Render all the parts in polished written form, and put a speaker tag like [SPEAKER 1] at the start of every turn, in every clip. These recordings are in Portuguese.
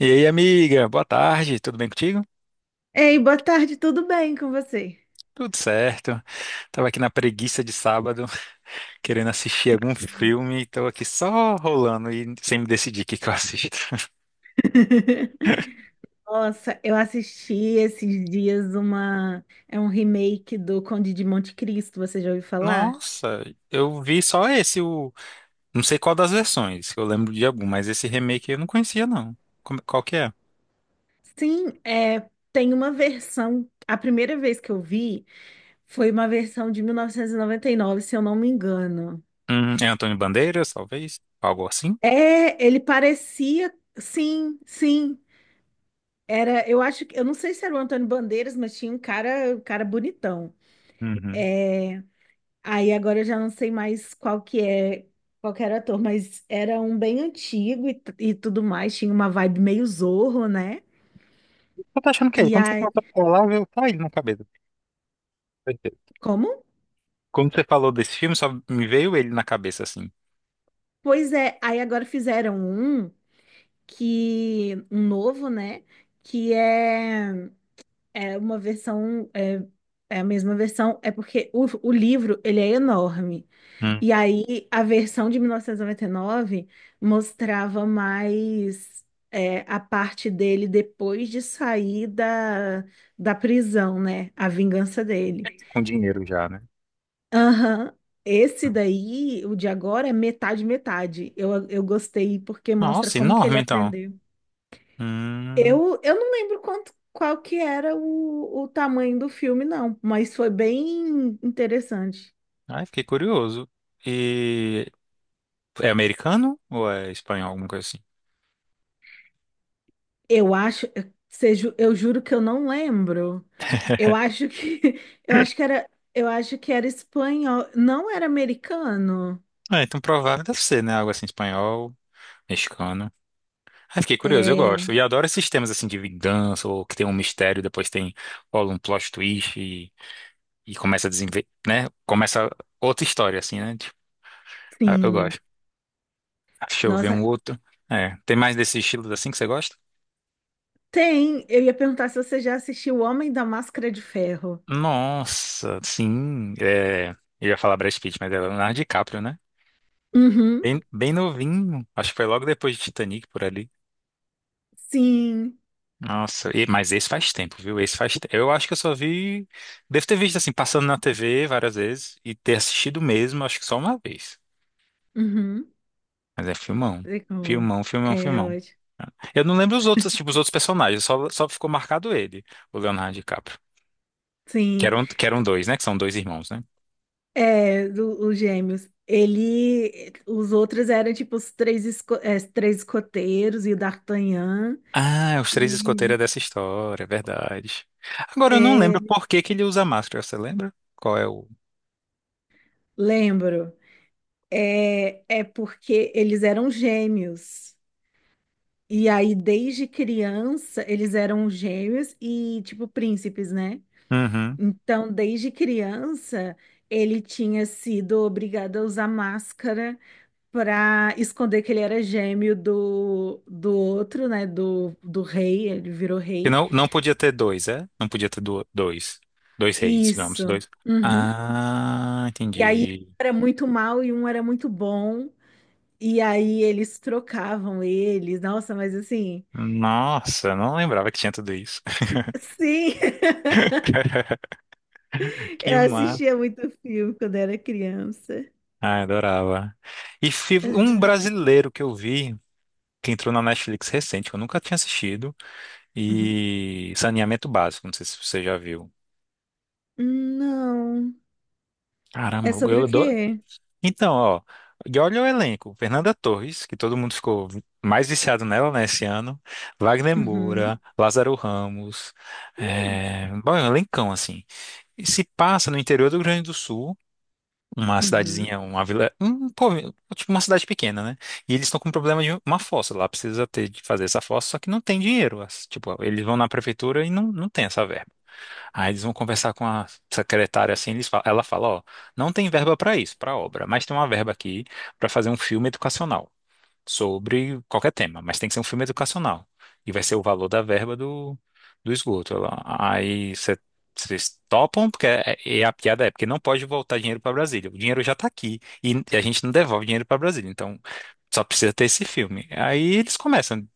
[SPEAKER 1] E aí, amiga, boa tarde, tudo bem contigo?
[SPEAKER 2] Ei, boa tarde, tudo bem com você?
[SPEAKER 1] Tudo certo. Tava aqui na preguiça de sábado, querendo assistir algum filme, e tô aqui só rolando e sem me decidir o que eu assisto.
[SPEAKER 2] Nossa, eu assisti esses dias uma. É um remake do Conde de Monte Cristo, você já ouviu falar?
[SPEAKER 1] Nossa, eu vi só esse, não sei qual das versões, eu lembro de algum, mas esse remake eu não conhecia, não. Qual que é?
[SPEAKER 2] Sim, é, tem uma versão. A primeira vez que eu vi foi uma versão de 1999, se eu não me engano.
[SPEAKER 1] É Antônio Bandeiras, talvez? Algo assim?
[SPEAKER 2] É, ele parecia. Sim, sim. Era, eu acho que. Eu não sei se era o Antônio Bandeiras, mas tinha um cara bonitão.
[SPEAKER 1] Uhum.
[SPEAKER 2] É, aí agora eu já não sei mais qual que é, qual que era o ator, mas era um bem antigo e, e tudo mais, tinha uma vibe meio Zorro, né?
[SPEAKER 1] Eu tô achando que é ele.
[SPEAKER 2] E
[SPEAKER 1] Quando você
[SPEAKER 2] aí,
[SPEAKER 1] começou a falar, veio tá ele na cabeça.
[SPEAKER 2] como?
[SPEAKER 1] Quando você falou desse filme, só me veio ele na cabeça, assim.
[SPEAKER 2] Pois é, aí agora fizeram um que, um novo, né? Que é É uma versão, é, é a mesma versão, é porque o livro, ele é enorme. E aí, a versão de 1999 mostrava mais é, a parte dele depois de sair da prisão, né? A vingança dele.
[SPEAKER 1] Com dinheiro já, né?
[SPEAKER 2] Aham. Esse daí, o de agora, é metade, metade. Eu gostei porque mostra
[SPEAKER 1] Nossa,
[SPEAKER 2] como que ele
[SPEAKER 1] enorme então.
[SPEAKER 2] aprendeu.
[SPEAKER 1] Hum,
[SPEAKER 2] Eu não lembro quanto, qual que era o tamanho do filme, não, mas foi bem interessante.
[SPEAKER 1] ai, fiquei curioso. E é americano ou é espanhol, alguma coisa assim?
[SPEAKER 2] Eu acho, seja, eu juro que eu não lembro. Eu acho que, eu acho que era, eu acho que era espanhol, não era americano.
[SPEAKER 1] É, então provável deve ser, né? Algo assim, espanhol, mexicano. Ai, fiquei curioso, eu
[SPEAKER 2] É,
[SPEAKER 1] gosto. E adoro esses temas assim de vingança, ou que tem um mistério, depois tem rola um plot twist e começa a desenvolver, né? Começa outra história, assim, né? Tipo, ah, eu
[SPEAKER 2] sim.
[SPEAKER 1] gosto. Ah, deixa eu ver um
[SPEAKER 2] Nossa,
[SPEAKER 1] outro. É, tem mais desse estilo assim que você gosta?
[SPEAKER 2] tem. Eu ia perguntar se você já assistiu O Homem da Máscara de Ferro.
[SPEAKER 1] Nossa, sim. É, eu ia falar Brad Pitt, mas é Leonardo DiCaprio, né?
[SPEAKER 2] Uhum,
[SPEAKER 1] Bem, bem novinho. Acho que foi logo depois de Titanic por ali.
[SPEAKER 2] sim.
[SPEAKER 1] Nossa, mas esse faz tempo, viu? Esse faz tempo. Eu acho que eu só vi. Devo ter visto assim, passando na TV várias vezes e ter assistido mesmo, acho que só uma vez.
[SPEAKER 2] Uhum.
[SPEAKER 1] Mas é filmão.
[SPEAKER 2] Sei como.
[SPEAKER 1] Filmão, filmão,
[SPEAKER 2] É
[SPEAKER 1] filmão.
[SPEAKER 2] ótimo.
[SPEAKER 1] Eu não lembro os outros, tipo, os outros personagens, só ficou marcado ele, o Leonardo DiCaprio. Que
[SPEAKER 2] Sim.
[SPEAKER 1] eram, que eram dois, né? Que são dois irmãos, né?
[SPEAKER 2] É, os gêmeos. Ele, os outros eram tipo os três, os três escoteiros e o D'Artagnan.
[SPEAKER 1] Ah, os três escoteiros
[SPEAKER 2] E
[SPEAKER 1] é dessa história, é verdade. Agora eu não
[SPEAKER 2] é,
[SPEAKER 1] lembro por que que ele usa máscara, você lembra? Qual é o.
[SPEAKER 2] lembro, é, é porque eles eram gêmeos. E aí, desde criança, eles eram gêmeos e tipo príncipes, né?
[SPEAKER 1] Uhum.
[SPEAKER 2] Então, desde criança, ele tinha sido obrigado a usar máscara pra esconder que ele era gêmeo do outro, né? Do rei, ele virou
[SPEAKER 1] Que
[SPEAKER 2] rei.
[SPEAKER 1] não, não podia ter dois, é? Não podia ter dois. Dois reis, digamos,
[SPEAKER 2] Isso.
[SPEAKER 1] dois.
[SPEAKER 2] Uhum.
[SPEAKER 1] Ah,
[SPEAKER 2] E aí um
[SPEAKER 1] entendi.
[SPEAKER 2] era muito mal e um era muito bom. E aí eles trocavam eles. Nossa, mas assim,
[SPEAKER 1] Nossa, não lembrava que tinha tudo isso.
[SPEAKER 2] sim,
[SPEAKER 1] Que
[SPEAKER 2] eu
[SPEAKER 1] má.
[SPEAKER 2] assistia muito filme quando era criança.
[SPEAKER 1] Ah, adorava. E um
[SPEAKER 2] Uhum.
[SPEAKER 1] brasileiro que eu vi, que entrou na Netflix recente, que eu nunca tinha assistido,
[SPEAKER 2] Uhum.
[SPEAKER 1] e Saneamento Básico, não sei se você já viu.
[SPEAKER 2] Não. É
[SPEAKER 1] Caramba,
[SPEAKER 2] sobre
[SPEAKER 1] eu,
[SPEAKER 2] o quê?
[SPEAKER 1] então, ó, e olha o elenco. Fernanda Torres, que todo mundo ficou mais viciado nela, né, esse ano. Wagner
[SPEAKER 2] Uhum.
[SPEAKER 1] Moura, Lázaro Ramos.
[SPEAKER 2] Hum.
[SPEAKER 1] Bom, é um elencão, assim. E se passa no interior do Rio Grande do Sul, uma
[SPEAKER 2] Uhum.
[SPEAKER 1] cidadezinha, uma vila, um, tipo uma cidade pequena, né? E eles estão com problema de uma fossa lá, precisa ter de fazer essa fossa, só que não tem dinheiro. Tipo, eles vão na prefeitura e não tem essa verba. Aí eles vão conversar com a secretária assim, ela fala, ó, não tem verba para isso, para obra, mas tem uma verba aqui para fazer um filme educacional sobre qualquer tema, mas tem que ser um filme educacional. E vai ser o valor da verba do esgoto. Vocês topam, porque e a piada é porque não pode voltar dinheiro para Brasília. O dinheiro já está aqui e a gente não devolve dinheiro para Brasília, então só precisa ter esse filme. Aí eles começam.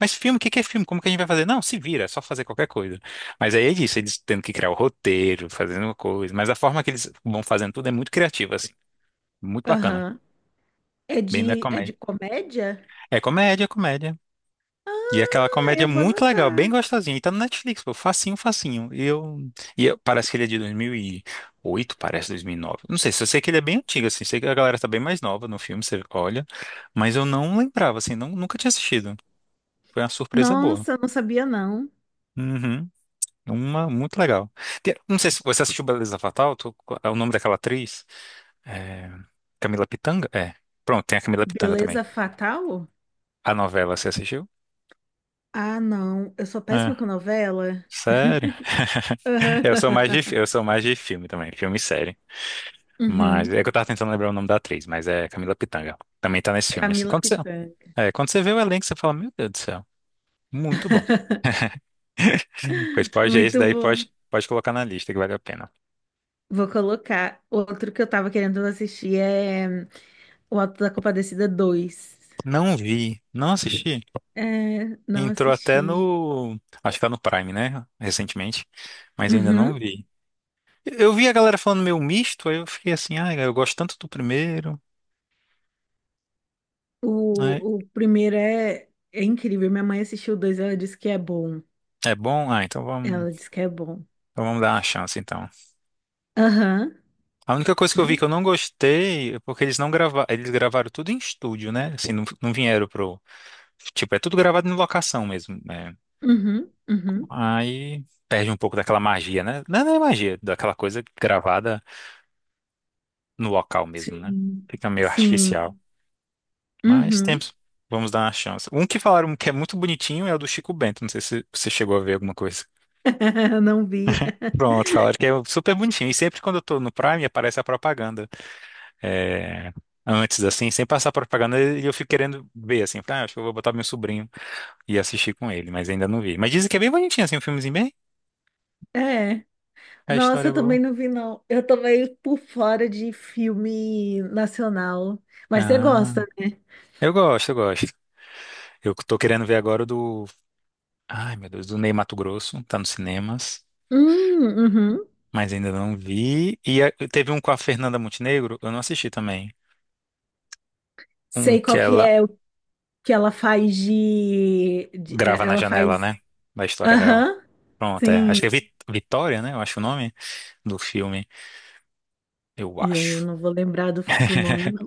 [SPEAKER 1] Mas filme, o que que é filme? Como que a gente vai fazer? Não, se vira, é só fazer qualquer coisa. Mas aí é isso, eles tendo que criar o roteiro, fazendo uma coisa. Mas a forma que eles vão fazendo tudo é muito criativa, assim. Muito bacana.
[SPEAKER 2] Aham.
[SPEAKER 1] Bem da
[SPEAKER 2] É de
[SPEAKER 1] comédia.
[SPEAKER 2] comédia?
[SPEAKER 1] É comédia, comédia. E aquela
[SPEAKER 2] Ah,
[SPEAKER 1] comédia
[SPEAKER 2] eu vou
[SPEAKER 1] muito legal, bem
[SPEAKER 2] anotar.
[SPEAKER 1] gostosinha. E tá no Netflix, pô, facinho, facinho. Parece que ele é de 2008, parece 2009. Não sei, só sei que ele é bem antigo, assim. Sei que a galera tá bem mais nova no filme, você olha. Mas eu não lembrava, assim, não, nunca tinha assistido. Foi uma surpresa boa.
[SPEAKER 2] Nossa, eu não sabia não.
[SPEAKER 1] Uhum. Uma muito legal. Não sei se você assistiu Beleza Fatal, é o nome daquela atriz. É, Camila Pitanga? É. Pronto, tem a Camila Pitanga também.
[SPEAKER 2] Beleza Fatal?
[SPEAKER 1] A novela você assistiu?
[SPEAKER 2] Ah, não. Eu sou
[SPEAKER 1] É.
[SPEAKER 2] péssima com novela.
[SPEAKER 1] Sério?
[SPEAKER 2] Aham.
[SPEAKER 1] Eu sou mais de, eu sou mais de filme também, filme e série. Mas
[SPEAKER 2] Uhum.
[SPEAKER 1] é que eu tava tentando lembrar o nome da atriz, mas é Camila Pitanga. Também tá nesse filme, assim.
[SPEAKER 2] Camila Pitanga.
[SPEAKER 1] Quando você vê o elenco, você fala, meu Deus do céu, muito bom. Pois pode, esse
[SPEAKER 2] Muito
[SPEAKER 1] daí
[SPEAKER 2] bom.
[SPEAKER 1] pode colocar na lista que vale a pena.
[SPEAKER 2] Vou colocar. Outro que eu tava querendo assistir é O Auto da Compadecida Dois.
[SPEAKER 1] Não vi, não assisti.
[SPEAKER 2] É, não
[SPEAKER 1] Entrou até
[SPEAKER 2] assisti.
[SPEAKER 1] no. Acho que tá no Prime, né? Recentemente. Mas eu ainda não
[SPEAKER 2] Uhum.
[SPEAKER 1] vi. Eu vi a galera falando meio misto, aí eu fiquei assim, ah, eu gosto tanto do primeiro. Né?
[SPEAKER 2] O primeiro é, é incrível. Minha mãe assistiu o dois, ela disse que é bom.
[SPEAKER 1] É bom?
[SPEAKER 2] Ela disse que é bom.
[SPEAKER 1] Então vamos dar uma chance, então.
[SPEAKER 2] Aham.
[SPEAKER 1] A única coisa que eu vi que eu não gostei é porque eles não gravaram. Eles gravaram tudo em estúdio, né? Assim, não vieram pro. Tipo, é tudo gravado em locação mesmo. Né?
[SPEAKER 2] Uhum. Uhum.
[SPEAKER 1] Aí perde um pouco daquela magia, né? Não é magia, daquela coisa gravada no local mesmo, né?
[SPEAKER 2] Sim.
[SPEAKER 1] Fica meio
[SPEAKER 2] Sim.
[SPEAKER 1] artificial. Mas
[SPEAKER 2] Uhum.
[SPEAKER 1] temos. Vamos dar uma chance. Um que falaram que é muito bonitinho é o do Chico Bento. Não sei se você chegou a ver alguma coisa.
[SPEAKER 2] Não vi.
[SPEAKER 1] Pronto, falaram que é super bonitinho. E sempre quando eu tô no Prime aparece a propaganda. É, antes, assim, sem passar a propaganda, e eu fico querendo ver, assim. Ah, acho que eu vou botar meu sobrinho e assistir com ele, mas ainda não vi. Mas dizem que é bem bonitinho, assim, um filmezinho bem.
[SPEAKER 2] É.
[SPEAKER 1] A história
[SPEAKER 2] Nossa,
[SPEAKER 1] é
[SPEAKER 2] eu
[SPEAKER 1] boa.
[SPEAKER 2] também não vi, não. Eu tô meio por fora de filme nacional. Mas você
[SPEAKER 1] Ah,
[SPEAKER 2] gosta, né?
[SPEAKER 1] eu gosto, eu gosto. Eu tô querendo ver agora o do. Ai, meu Deus, do Ney Matogrosso. Tá nos cinemas.
[SPEAKER 2] Uhum.
[SPEAKER 1] Mas ainda não vi. E teve um com a Fernanda Montenegro, eu não assisti também. Um
[SPEAKER 2] Sei
[SPEAKER 1] que
[SPEAKER 2] qual que
[SPEAKER 1] ela
[SPEAKER 2] é o que ela faz de...
[SPEAKER 1] grava
[SPEAKER 2] é,
[SPEAKER 1] na
[SPEAKER 2] ela
[SPEAKER 1] janela,
[SPEAKER 2] faz...
[SPEAKER 1] né? Da história real.
[SPEAKER 2] Aham,
[SPEAKER 1] Pronto, é. Acho
[SPEAKER 2] sim.
[SPEAKER 1] que é Vitória, né? Eu acho o nome do filme. Eu
[SPEAKER 2] E aí eu
[SPEAKER 1] acho.
[SPEAKER 2] não vou lembrar do nome, não.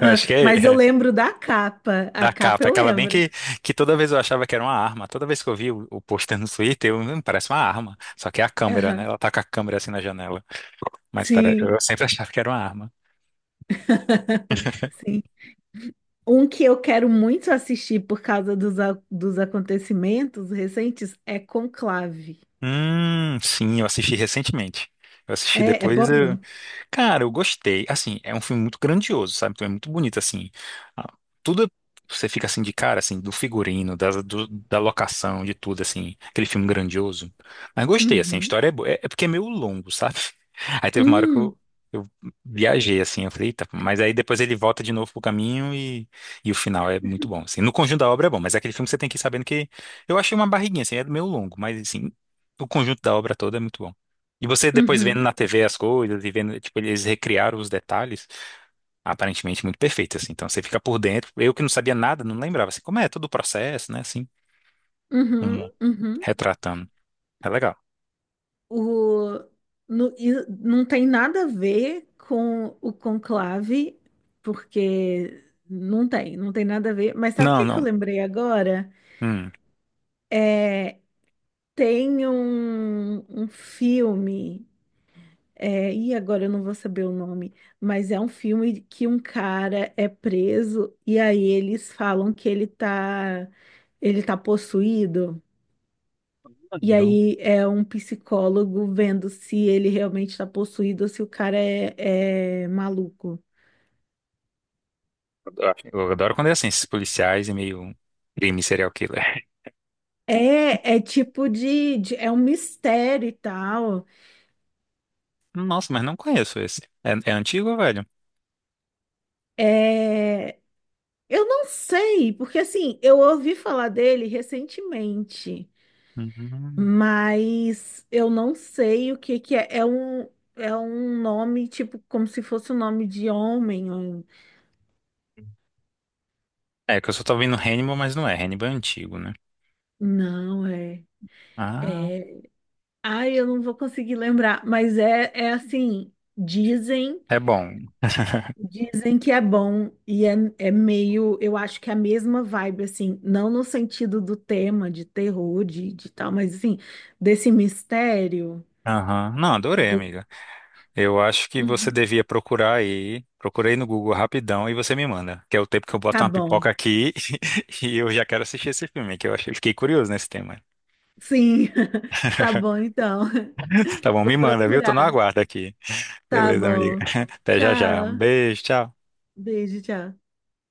[SPEAKER 1] Eu acho que
[SPEAKER 2] Mas eu
[SPEAKER 1] é
[SPEAKER 2] lembro da capa. A
[SPEAKER 1] da
[SPEAKER 2] capa
[SPEAKER 1] capa.
[SPEAKER 2] eu
[SPEAKER 1] Aquela bem
[SPEAKER 2] lembro.
[SPEAKER 1] que toda vez eu achava que era uma arma. Toda vez que eu vi o pôster no Twitter, eu, parece uma arma." Só que é a câmera, né?
[SPEAKER 2] Aham,
[SPEAKER 1] Ela tá com a câmera assim na janela. Mas pera,
[SPEAKER 2] sim.
[SPEAKER 1] eu sempre achava que era uma arma.
[SPEAKER 2] Sim. Um que eu quero muito assistir por causa dos, dos acontecimentos recentes é Conclave.
[SPEAKER 1] Sim, eu assisti recentemente. Eu assisti
[SPEAKER 2] É, é bom.
[SPEAKER 1] depois. Eu, cara, eu gostei. Assim, é um filme muito grandioso, sabe? Então é muito bonito, assim. Ah, tudo, você fica assim de cara, assim, do figurino, da locação, de tudo, assim. Aquele filme grandioso. Mas gostei, assim, a
[SPEAKER 2] Uhum.
[SPEAKER 1] história é boa. É, é porque é meio longo, sabe? Aí teve uma hora que
[SPEAKER 2] Hum,
[SPEAKER 1] eu, eu viajei, assim, eu falei, eita, mas aí depois ele volta de novo pro caminho e o final é muito bom, assim. No conjunto da obra é bom, mas é aquele filme que você tem que ir sabendo que... Eu achei uma barriguinha, assim, é meio longo, mas, assim, o conjunto da obra toda é muito bom. E você depois vendo
[SPEAKER 2] uhum.
[SPEAKER 1] na TV as coisas e vendo, tipo, eles recriaram os detalhes, aparentemente muito perfeito, assim. Então você fica por dentro. Eu que não sabia nada, não lembrava, assim, como é todo o processo, né, assim,
[SPEAKER 2] Uhum.
[SPEAKER 1] como
[SPEAKER 2] Uhum.
[SPEAKER 1] retratando. É legal.
[SPEAKER 2] O, e não tem nada a ver com o conclave, porque não tem, não tem nada a ver. Mas sabe o
[SPEAKER 1] Não,
[SPEAKER 2] que que eu
[SPEAKER 1] não.
[SPEAKER 2] lembrei agora?
[SPEAKER 1] Hum.
[SPEAKER 2] Tem um, um filme. É, e agora eu não vou saber o nome, mas é um filme que um cara é preso e aí eles falam que ele tá possuído.
[SPEAKER 1] Não,
[SPEAKER 2] E aí é um psicólogo vendo se ele realmente está possuído ou se o cara é, é maluco.
[SPEAKER 1] eu adoro, eu adoro quando é assim, esses policiais e meio crime serial killer.
[SPEAKER 2] É, é tipo é um mistério e tal.
[SPEAKER 1] Nossa, mas não conheço esse. É, é antigo, velho?
[SPEAKER 2] É, eu não sei, porque assim, eu ouvi falar dele recentemente.
[SPEAKER 1] Uhum.
[SPEAKER 2] Mas eu não sei o que que é. É um nome, tipo, como se fosse um nome de homem. Ou...
[SPEAKER 1] É, que eu só tô vendo Hannibal, mas não é. Hannibal é antigo, né?
[SPEAKER 2] Não, é.
[SPEAKER 1] Ah,
[SPEAKER 2] Ai, eu não vou conseguir lembrar. Mas é, é assim, dizem,
[SPEAKER 1] é bom.
[SPEAKER 2] dizem que é bom. E é, é meio, eu acho que é a mesma vibe, assim, não no sentido do tema de terror, de tal, mas assim, desse mistério
[SPEAKER 1] Aham. Não, adorei,
[SPEAKER 2] do.
[SPEAKER 1] amigo. Eu acho que você
[SPEAKER 2] Uhum,
[SPEAKER 1] devia procurar aí. Procurei no Google rapidão e você me manda. Que é o tempo que eu
[SPEAKER 2] tá
[SPEAKER 1] boto uma
[SPEAKER 2] bom.
[SPEAKER 1] pipoca aqui e eu já quero assistir esse filme, que eu achei, fiquei curioso nesse tema.
[SPEAKER 2] Sim, tá bom então.
[SPEAKER 1] Tá bom,
[SPEAKER 2] Vou
[SPEAKER 1] me manda, viu? Tô no
[SPEAKER 2] procurar.
[SPEAKER 1] aguardo aqui.
[SPEAKER 2] Tá
[SPEAKER 1] Beleza, amiga.
[SPEAKER 2] bom.
[SPEAKER 1] Até já já. Um
[SPEAKER 2] Tchau.
[SPEAKER 1] beijo, tchau.
[SPEAKER 2] Beijo, tchau.